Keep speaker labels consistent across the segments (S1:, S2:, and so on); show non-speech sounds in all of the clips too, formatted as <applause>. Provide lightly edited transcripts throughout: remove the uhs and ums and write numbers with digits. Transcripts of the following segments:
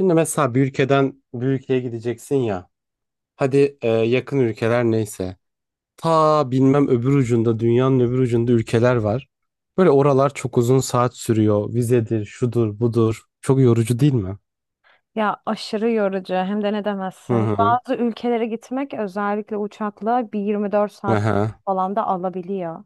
S1: Şimdi mesela bir ülkeden bir ülkeye gideceksin ya. Hadi yakın ülkeler neyse. Ta bilmem öbür ucunda dünyanın öbür ucunda ülkeler var. Böyle oralar çok uzun saat sürüyor. Vizedir, şudur, budur. Çok yorucu değil mi?
S2: Ya aşırı yorucu hem de ne
S1: Hı
S2: demezsin.
S1: hı.
S2: Bazı ülkelere gitmek özellikle uçakla bir 24 saat
S1: Aha.
S2: falan da alabiliyor.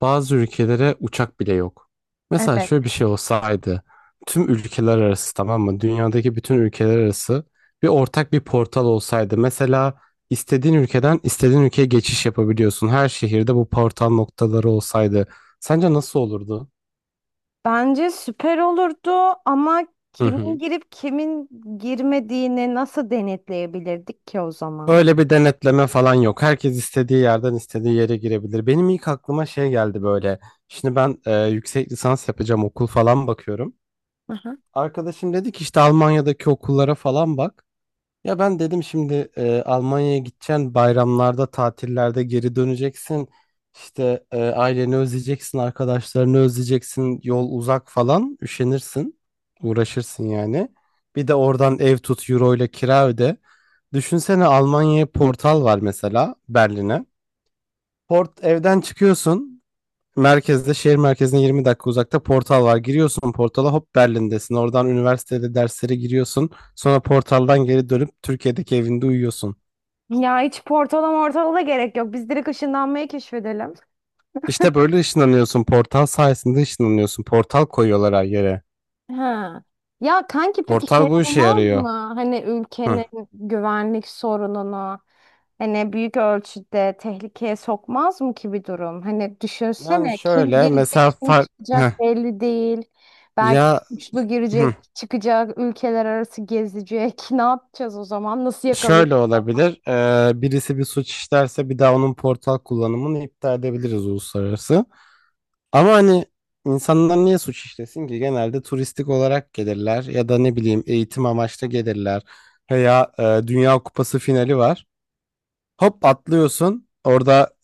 S1: Bazı ülkelere uçak bile yok. Mesela
S2: Evet.
S1: şöyle bir şey olsaydı, tüm ülkeler arası tamam mı? Dünyadaki bütün ülkeler arası bir ortak bir portal olsaydı. Mesela istediğin ülkeden istediğin ülkeye geçiş yapabiliyorsun. Her şehirde bu portal noktaları olsaydı. Sence nasıl olurdu?
S2: Bence süper olurdu ama
S1: Hı
S2: kimin
S1: hı.
S2: girip kimin girmediğini nasıl denetleyebilirdik ki o zaman?
S1: Öyle bir denetleme falan yok. Herkes istediği yerden istediği yere girebilir. Benim ilk aklıma şey geldi böyle. Şimdi ben yüksek lisans yapacağım okul falan bakıyorum.
S2: Aha.
S1: Arkadaşım dedi ki işte Almanya'daki okullara falan bak. Ya ben dedim şimdi Almanya'ya gideceksin, bayramlarda, tatillerde geri döneceksin. İşte aileni özleyeceksin, arkadaşlarını özleyeceksin, yol uzak falan, üşenirsin, uğraşırsın yani. Bir de oradan ev tut, euro ile kira öde. Düşünsene Almanya'ya portal var mesela Berlin'e. Evden çıkıyorsun. Şehir merkezine 20 dakika uzakta portal var. Giriyorsun portala hop Berlin'desin. Oradan üniversitede derslere giriyorsun. Sonra portaldan geri dönüp Türkiye'deki evinde uyuyorsun.
S2: Ya hiç portala mortala da gerek yok. Biz direkt ışınlanmayı keşfedelim.
S1: İşte böyle ışınlanıyorsun. Portal sayesinde ışınlanıyorsun. Portal koyuyorlar her yere.
S2: Ha. Ya kanki peki şey
S1: Portal bu işe
S2: olmaz
S1: yarıyor.
S2: mı? Hani
S1: Hı.
S2: ülkenin güvenlik sorununu hani büyük ölçüde tehlikeye sokmaz mı ki bir durum? Hani
S1: Yani
S2: düşünsene kim
S1: şöyle
S2: girecek
S1: mesela
S2: kim
S1: Heh.
S2: çıkacak belli değil. Belki
S1: Ya,
S2: suçlu
S1: hı.
S2: girecek çıkacak ülkeler arası gezecek. <laughs> Ne yapacağız o zaman? Nasıl
S1: Şöyle
S2: yakalayacağız?
S1: olabilir. Birisi bir suç işlerse bir daha onun portal kullanımını iptal edebiliriz uluslararası. Ama hani insanlar niye suç işlesin ki? Genelde turistik olarak gelirler ya da ne bileyim eğitim amaçlı gelirler. Veya Dünya Kupası finali var. Hop atlıyorsun. Orada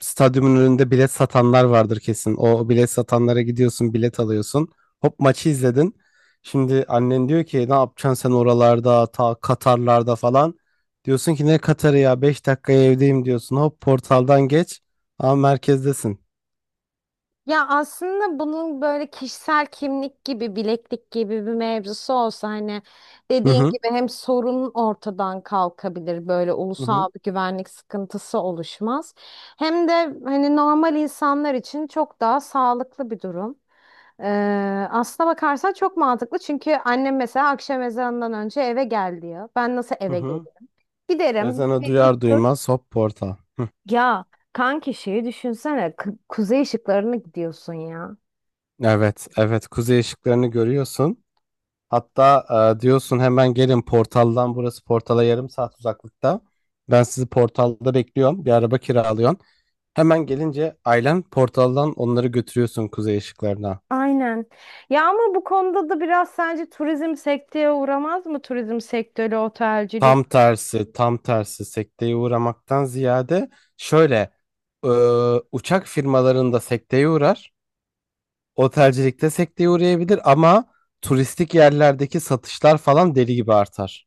S1: stadyumun önünde bilet satanlar vardır kesin. O bilet satanlara gidiyorsun, bilet alıyorsun. Hop maçı izledin. Şimdi annen diyor ki ne yapacaksın sen oralarda, ta Katarlarda falan. Diyorsun ki ne Katar'ı ya 5 dakikaya evdeyim diyorsun. Hop portaldan geç. Ama merkezdesin.
S2: Ya aslında bunun böyle kişisel kimlik gibi, bileklik gibi bir mevzusu olsa hani
S1: Hı
S2: dediğin
S1: hı.
S2: gibi hem sorun ortadan kalkabilir, böyle
S1: Hı
S2: ulusal
S1: hı.
S2: bir güvenlik sıkıntısı oluşmaz. Hem de hani normal insanlar için çok daha sağlıklı bir durum. Ee, aslına bakarsan çok mantıklı çünkü annem mesela akşam ezanından önce eve gel diyor. Ben nasıl
S1: Hı
S2: eve geleyim?
S1: hı.
S2: Giderim,
S1: Ezanı
S2: bir
S1: duyar
S2: tur
S1: duymaz hop portal. Hı.
S2: ya kanki şeyi düşünsene. Kuzey ışıklarına gidiyorsun ya.
S1: Evet, evet kuzey ışıklarını görüyorsun. Hatta diyorsun hemen gelin portaldan burası portala yarım saat uzaklıkta. Ben sizi portalda bekliyorum. Bir araba kiralıyorsun. Hemen gelince ailen portaldan onları götürüyorsun kuzey ışıklarına.
S2: Aynen. Ya ama bu konuda da biraz sence turizm sekteye uğramaz mı? Turizm sektörü, otelcilik.
S1: Tam tersi, tam tersi sekteye uğramaktan ziyade şöyle e, uçak firmalarında sekteye uğrar. Otelcilikte sekteye uğrayabilir ama turistik yerlerdeki satışlar falan deli gibi artar.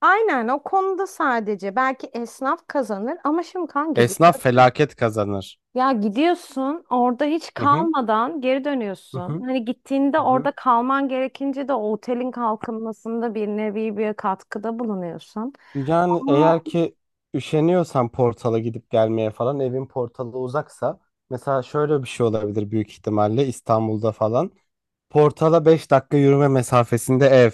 S2: Aynen o konuda sadece belki esnaf kazanır ama şimdi kanki düşün.
S1: Esnaf felaket kazanır.
S2: Ya gidiyorsun orada hiç
S1: Hı hı,
S2: kalmadan geri
S1: hı
S2: dönüyorsun.
S1: hı,
S2: Hani gittiğinde
S1: hı hı.
S2: orada kalman gerekince de o otelin kalkınmasında bir nevi bir katkıda bulunuyorsun.
S1: Yani
S2: Ama
S1: eğer ki üşeniyorsan portala gidip gelmeye falan evin portalı uzaksa mesela şöyle bir şey olabilir büyük ihtimalle İstanbul'da falan. Portala 5 dakika yürüme mesafesinde ev.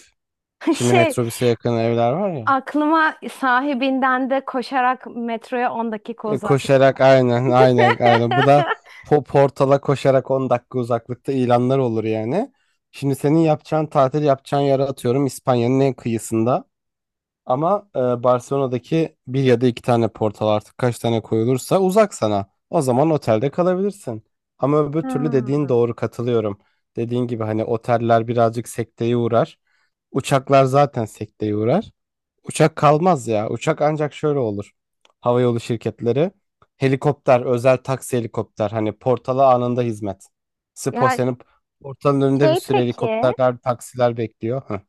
S2: <laughs>
S1: Şimdi
S2: şey
S1: metrobüse yakın evler var ya.
S2: aklıma sahibinden de koşarak metroya 10 dakika uzak.
S1: Koşarak aynen aynen aynen. Bu da
S2: <laughs>
S1: portala koşarak 10 dakika uzaklıkta ilanlar olur yani. Şimdi senin yapacağın tatil yapacağın yere atıyorum İspanya'nın en kıyısında. Ama Barcelona'daki bir ya da iki tane portal artık kaç tane koyulursa uzak sana. O zaman otelde kalabilirsin. Ama öbür türlü dediğin
S2: Hmm.
S1: doğru katılıyorum. Dediğin gibi hani oteller birazcık sekteye uğrar. Uçaklar zaten sekteye uğrar. Uçak kalmaz ya. Uçak ancak şöyle olur. Havayolu şirketleri. Helikopter, özel taksi helikopter. Hani portala anında hizmet.
S2: Ya
S1: Senin portalın önünde bir
S2: şey
S1: sürü
S2: peki
S1: helikopterler, taksiler bekliyor. Hı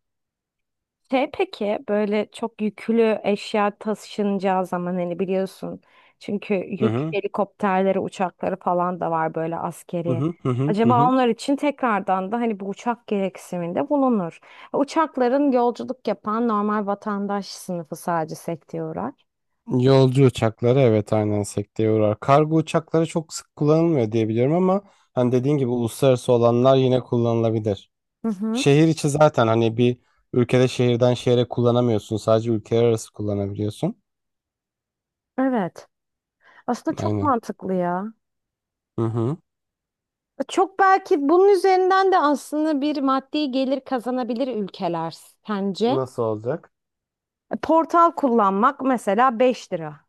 S2: Şey peki böyle çok yüklü eşya taşınacağı zaman hani biliyorsun çünkü yük
S1: hı
S2: helikopterleri uçakları falan da var böyle
S1: hı
S2: askeri.
S1: hı hı hı. Hı hı.
S2: Acaba
S1: Hı.
S2: onlar için tekrardan da hani bu uçak gereksiniminde bulunur. Uçakların yolculuk yapan normal vatandaş sınıfı sadece sekteye uğrar.
S1: Yolcu uçakları evet aynen sekteye uğrar. Kargo uçakları çok sık kullanılmıyor diye biliyorum ama hani dediğin gibi uluslararası olanlar yine kullanılabilir.
S2: Hı hı.
S1: Şehir içi zaten hani bir ülkede şehirden şehre kullanamıyorsun. Sadece ülkeler arası kullanabiliyorsun.
S2: Evet. Aslında çok
S1: Aynen.
S2: mantıklı ya.
S1: Hı hı.
S2: Çok belki bunun üzerinden de aslında bir maddi gelir kazanabilir ülkeler sence?
S1: Nasıl olacak?
S2: E, Portal kullanmak mesela 5 lira.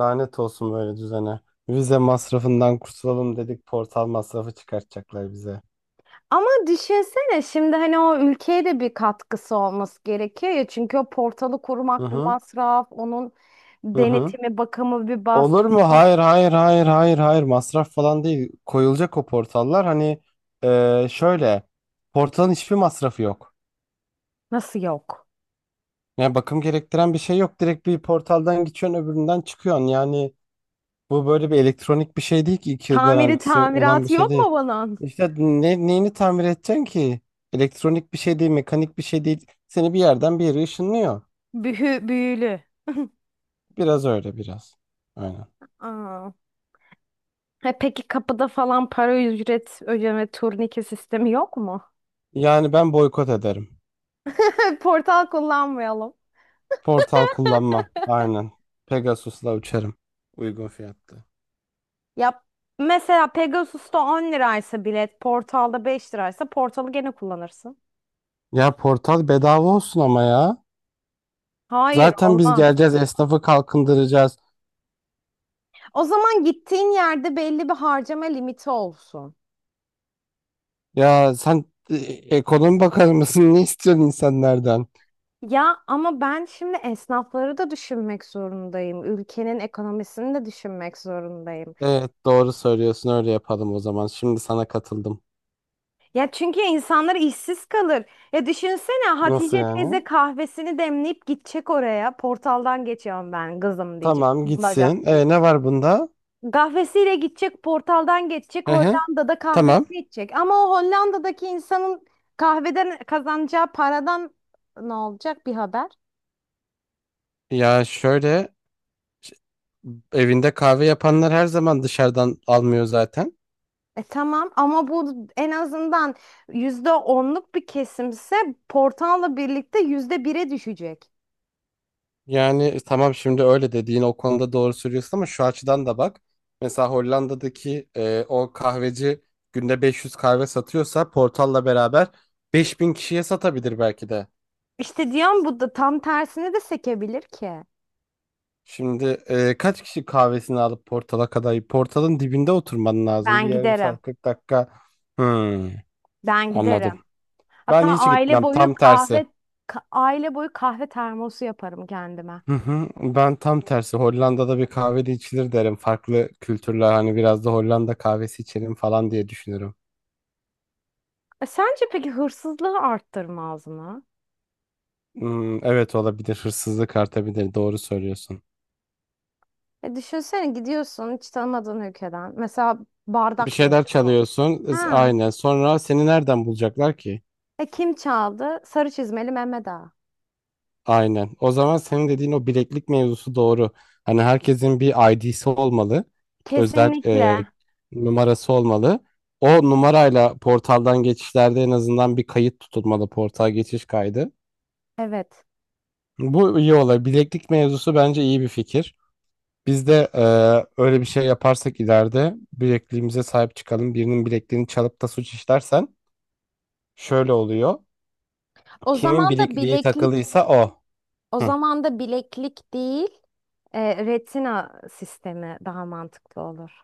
S1: Lanet olsun böyle düzene. Vize masrafından kurtulalım dedik portal masrafı çıkartacaklar bize.
S2: Ama düşünsene şimdi hani o ülkeye de bir katkısı olması gerekiyor ya. Çünkü o portalı
S1: Hı
S2: kurmak bir
S1: hı
S2: masraf, onun
S1: hı hı.
S2: denetimi, bakımı bir
S1: Olur mu?
S2: masraf.
S1: Hayır hayır hayır hayır hayır masraf falan değil. Koyulacak o portallar hani şöyle portalın hiçbir masrafı yok.
S2: Nasıl yok?
S1: Yani bakım gerektiren bir şey yok. Direkt bir portaldan geçiyorsun öbüründen çıkıyorsun. Yani bu böyle bir elektronik bir şey değil ki 2 yıl
S2: Tamiri
S1: garantisi olan bir
S2: tamiratı
S1: şey
S2: yok mu
S1: değil.
S2: bunun?
S1: İşte neyini tamir edeceksin ki? Elektronik bir şey değil, mekanik bir şey değil. Seni bir yerden bir yere ışınlıyor.
S2: Bühü, büyülü.
S1: Biraz öyle biraz. Aynen.
S2: Aa. E peki kapıda falan para ücret ödeme turnike sistemi yok mu?
S1: Yani ben boykot ederim.
S2: <laughs> Portal kullanmayalım.
S1: Portal kullanmam. Aynen. Pegasus'la uçarım. Uygun fiyatlı.
S2: Ya mesela Pegasus'ta 10 liraysa bilet, Portal'da 5 liraysa Portal'ı gene kullanırsın.
S1: Ya portal bedava olsun ama ya.
S2: Hayır,
S1: Zaten biz
S2: olmaz.
S1: geleceğiz, esnafı kalkındıracağız.
S2: O zaman gittiğin yerde belli bir harcama limiti olsun.
S1: Ya sen e, ekonomi bakanı mısın? Ne istiyorsun insanlardan?
S2: Ya ama ben şimdi esnafları da düşünmek zorundayım. Ülkenin ekonomisini de düşünmek zorundayım.
S1: Evet, doğru söylüyorsun. Öyle yapalım o zaman. Şimdi sana katıldım.
S2: Ya çünkü insanlar işsiz kalır. Ya düşünsene Hatice
S1: Nasıl yani?
S2: teyze kahvesini demleyip gidecek oraya. Portaldan geçiyorum ben kızım diyecek.
S1: Tamam
S2: Bulacak.
S1: gitsin. E, ne var bunda?
S2: Kahvesiyle gidecek, portaldan geçecek,
S1: Hı hı.
S2: Hollanda'da
S1: Tamam.
S2: kahvesini içecek. Ama o Hollanda'daki insanın kahveden kazanacağı paradan ne olacak bir haber?
S1: Ya şöyle ş- evinde kahve yapanlar her zaman dışarıdan almıyor zaten.
S2: E tamam ama bu en azından %10'luk bir kesimse portalla birlikte %1'e düşecek.
S1: Yani tamam şimdi öyle dediğin o konuda doğru söylüyorsun ama şu açıdan da bak. Mesela Hollanda'daki o kahveci günde 500 kahve satıyorsa Portal'la beraber 5.000 kişiye satabilir belki de.
S2: İşte diyorum bu da tam tersine de sekebilir ki.
S1: Şimdi kaç kişi kahvesini alıp Portal'a kadar? Portal'ın dibinde oturman lazım. Bir
S2: Ben
S1: yarım
S2: giderim.
S1: saat 40 dakika. Hmm,
S2: Ben
S1: anladım.
S2: giderim. Hatta
S1: Ben hiç
S2: aile
S1: gitmem
S2: boyu
S1: tam tersi.
S2: kahve termosu yaparım kendime.
S1: Hı hı. Ben tam tersi Hollanda'da bir kahvede içilir derim. Farklı kültürler hani biraz da Hollanda kahvesi içelim falan diye düşünürüm.
S2: E, sence peki hırsızlığı arttırmaz mı?
S1: Hmm, evet olabilir hırsızlık artabilir doğru söylüyorsun.
S2: E düşünsene gidiyorsun hiç tanımadığın ülkeden. Mesela
S1: Bir
S2: bardak
S1: şeyler
S2: beğeniyorsun.
S1: çalıyorsun
S2: Ha.
S1: aynen sonra seni nereden bulacaklar ki?
S2: E kim çaldı? Sarı çizmeli Mehmet Ağa.
S1: Aynen. O zaman senin dediğin o bileklik mevzusu doğru. Hani herkesin bir ID'si olmalı. Özel
S2: Kesinlikle.
S1: numarası olmalı. O numarayla portaldan geçişlerde en azından bir kayıt tutulmalı. Portal geçiş kaydı.
S2: Evet.
S1: Bu iyi olay. Bileklik mevzusu bence iyi bir fikir. Biz de öyle bir şey yaparsak ileride bilekliğimize sahip çıkalım. Birinin bilekliğini çalıp da suç işlersen şöyle oluyor.
S2: O
S1: Kimin
S2: zaman da
S1: bilekliği
S2: bileklik,
S1: takılıysa o.
S2: o
S1: Hı.
S2: zaman da bileklik değil, retina sistemi daha mantıklı olur.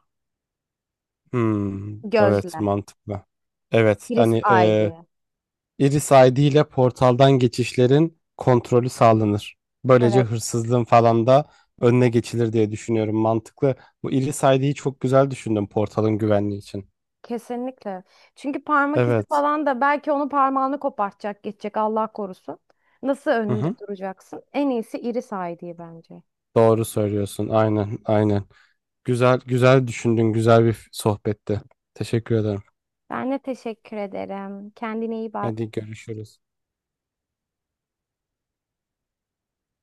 S1: Hmm, evet
S2: Gözle.
S1: mantıklı. Evet
S2: Iris
S1: hani
S2: eye diye.
S1: Iris ID ile portaldan geçişlerin kontrolü sağlanır. Böylece
S2: Evet.
S1: hırsızlığın falan da önüne geçilir diye düşünüyorum. Mantıklı. Bu Iris ID'yi çok güzel düşündüm portalın güvenliği için.
S2: Kesinlikle. Çünkü parmak izi
S1: Evet.
S2: falan da belki onu parmağını kopartacak, geçecek Allah korusun. Nasıl
S1: Hı
S2: önünde
S1: hı.
S2: duracaksın? En iyisi iri sağ diye bence.
S1: Doğru söylüyorsun. Aynen, aynen. Güzel, güzel düşündün. Güzel bir sohbetti. Teşekkür ederim.
S2: Ben de teşekkür ederim. Kendine iyi bak.
S1: Hadi görüşürüz.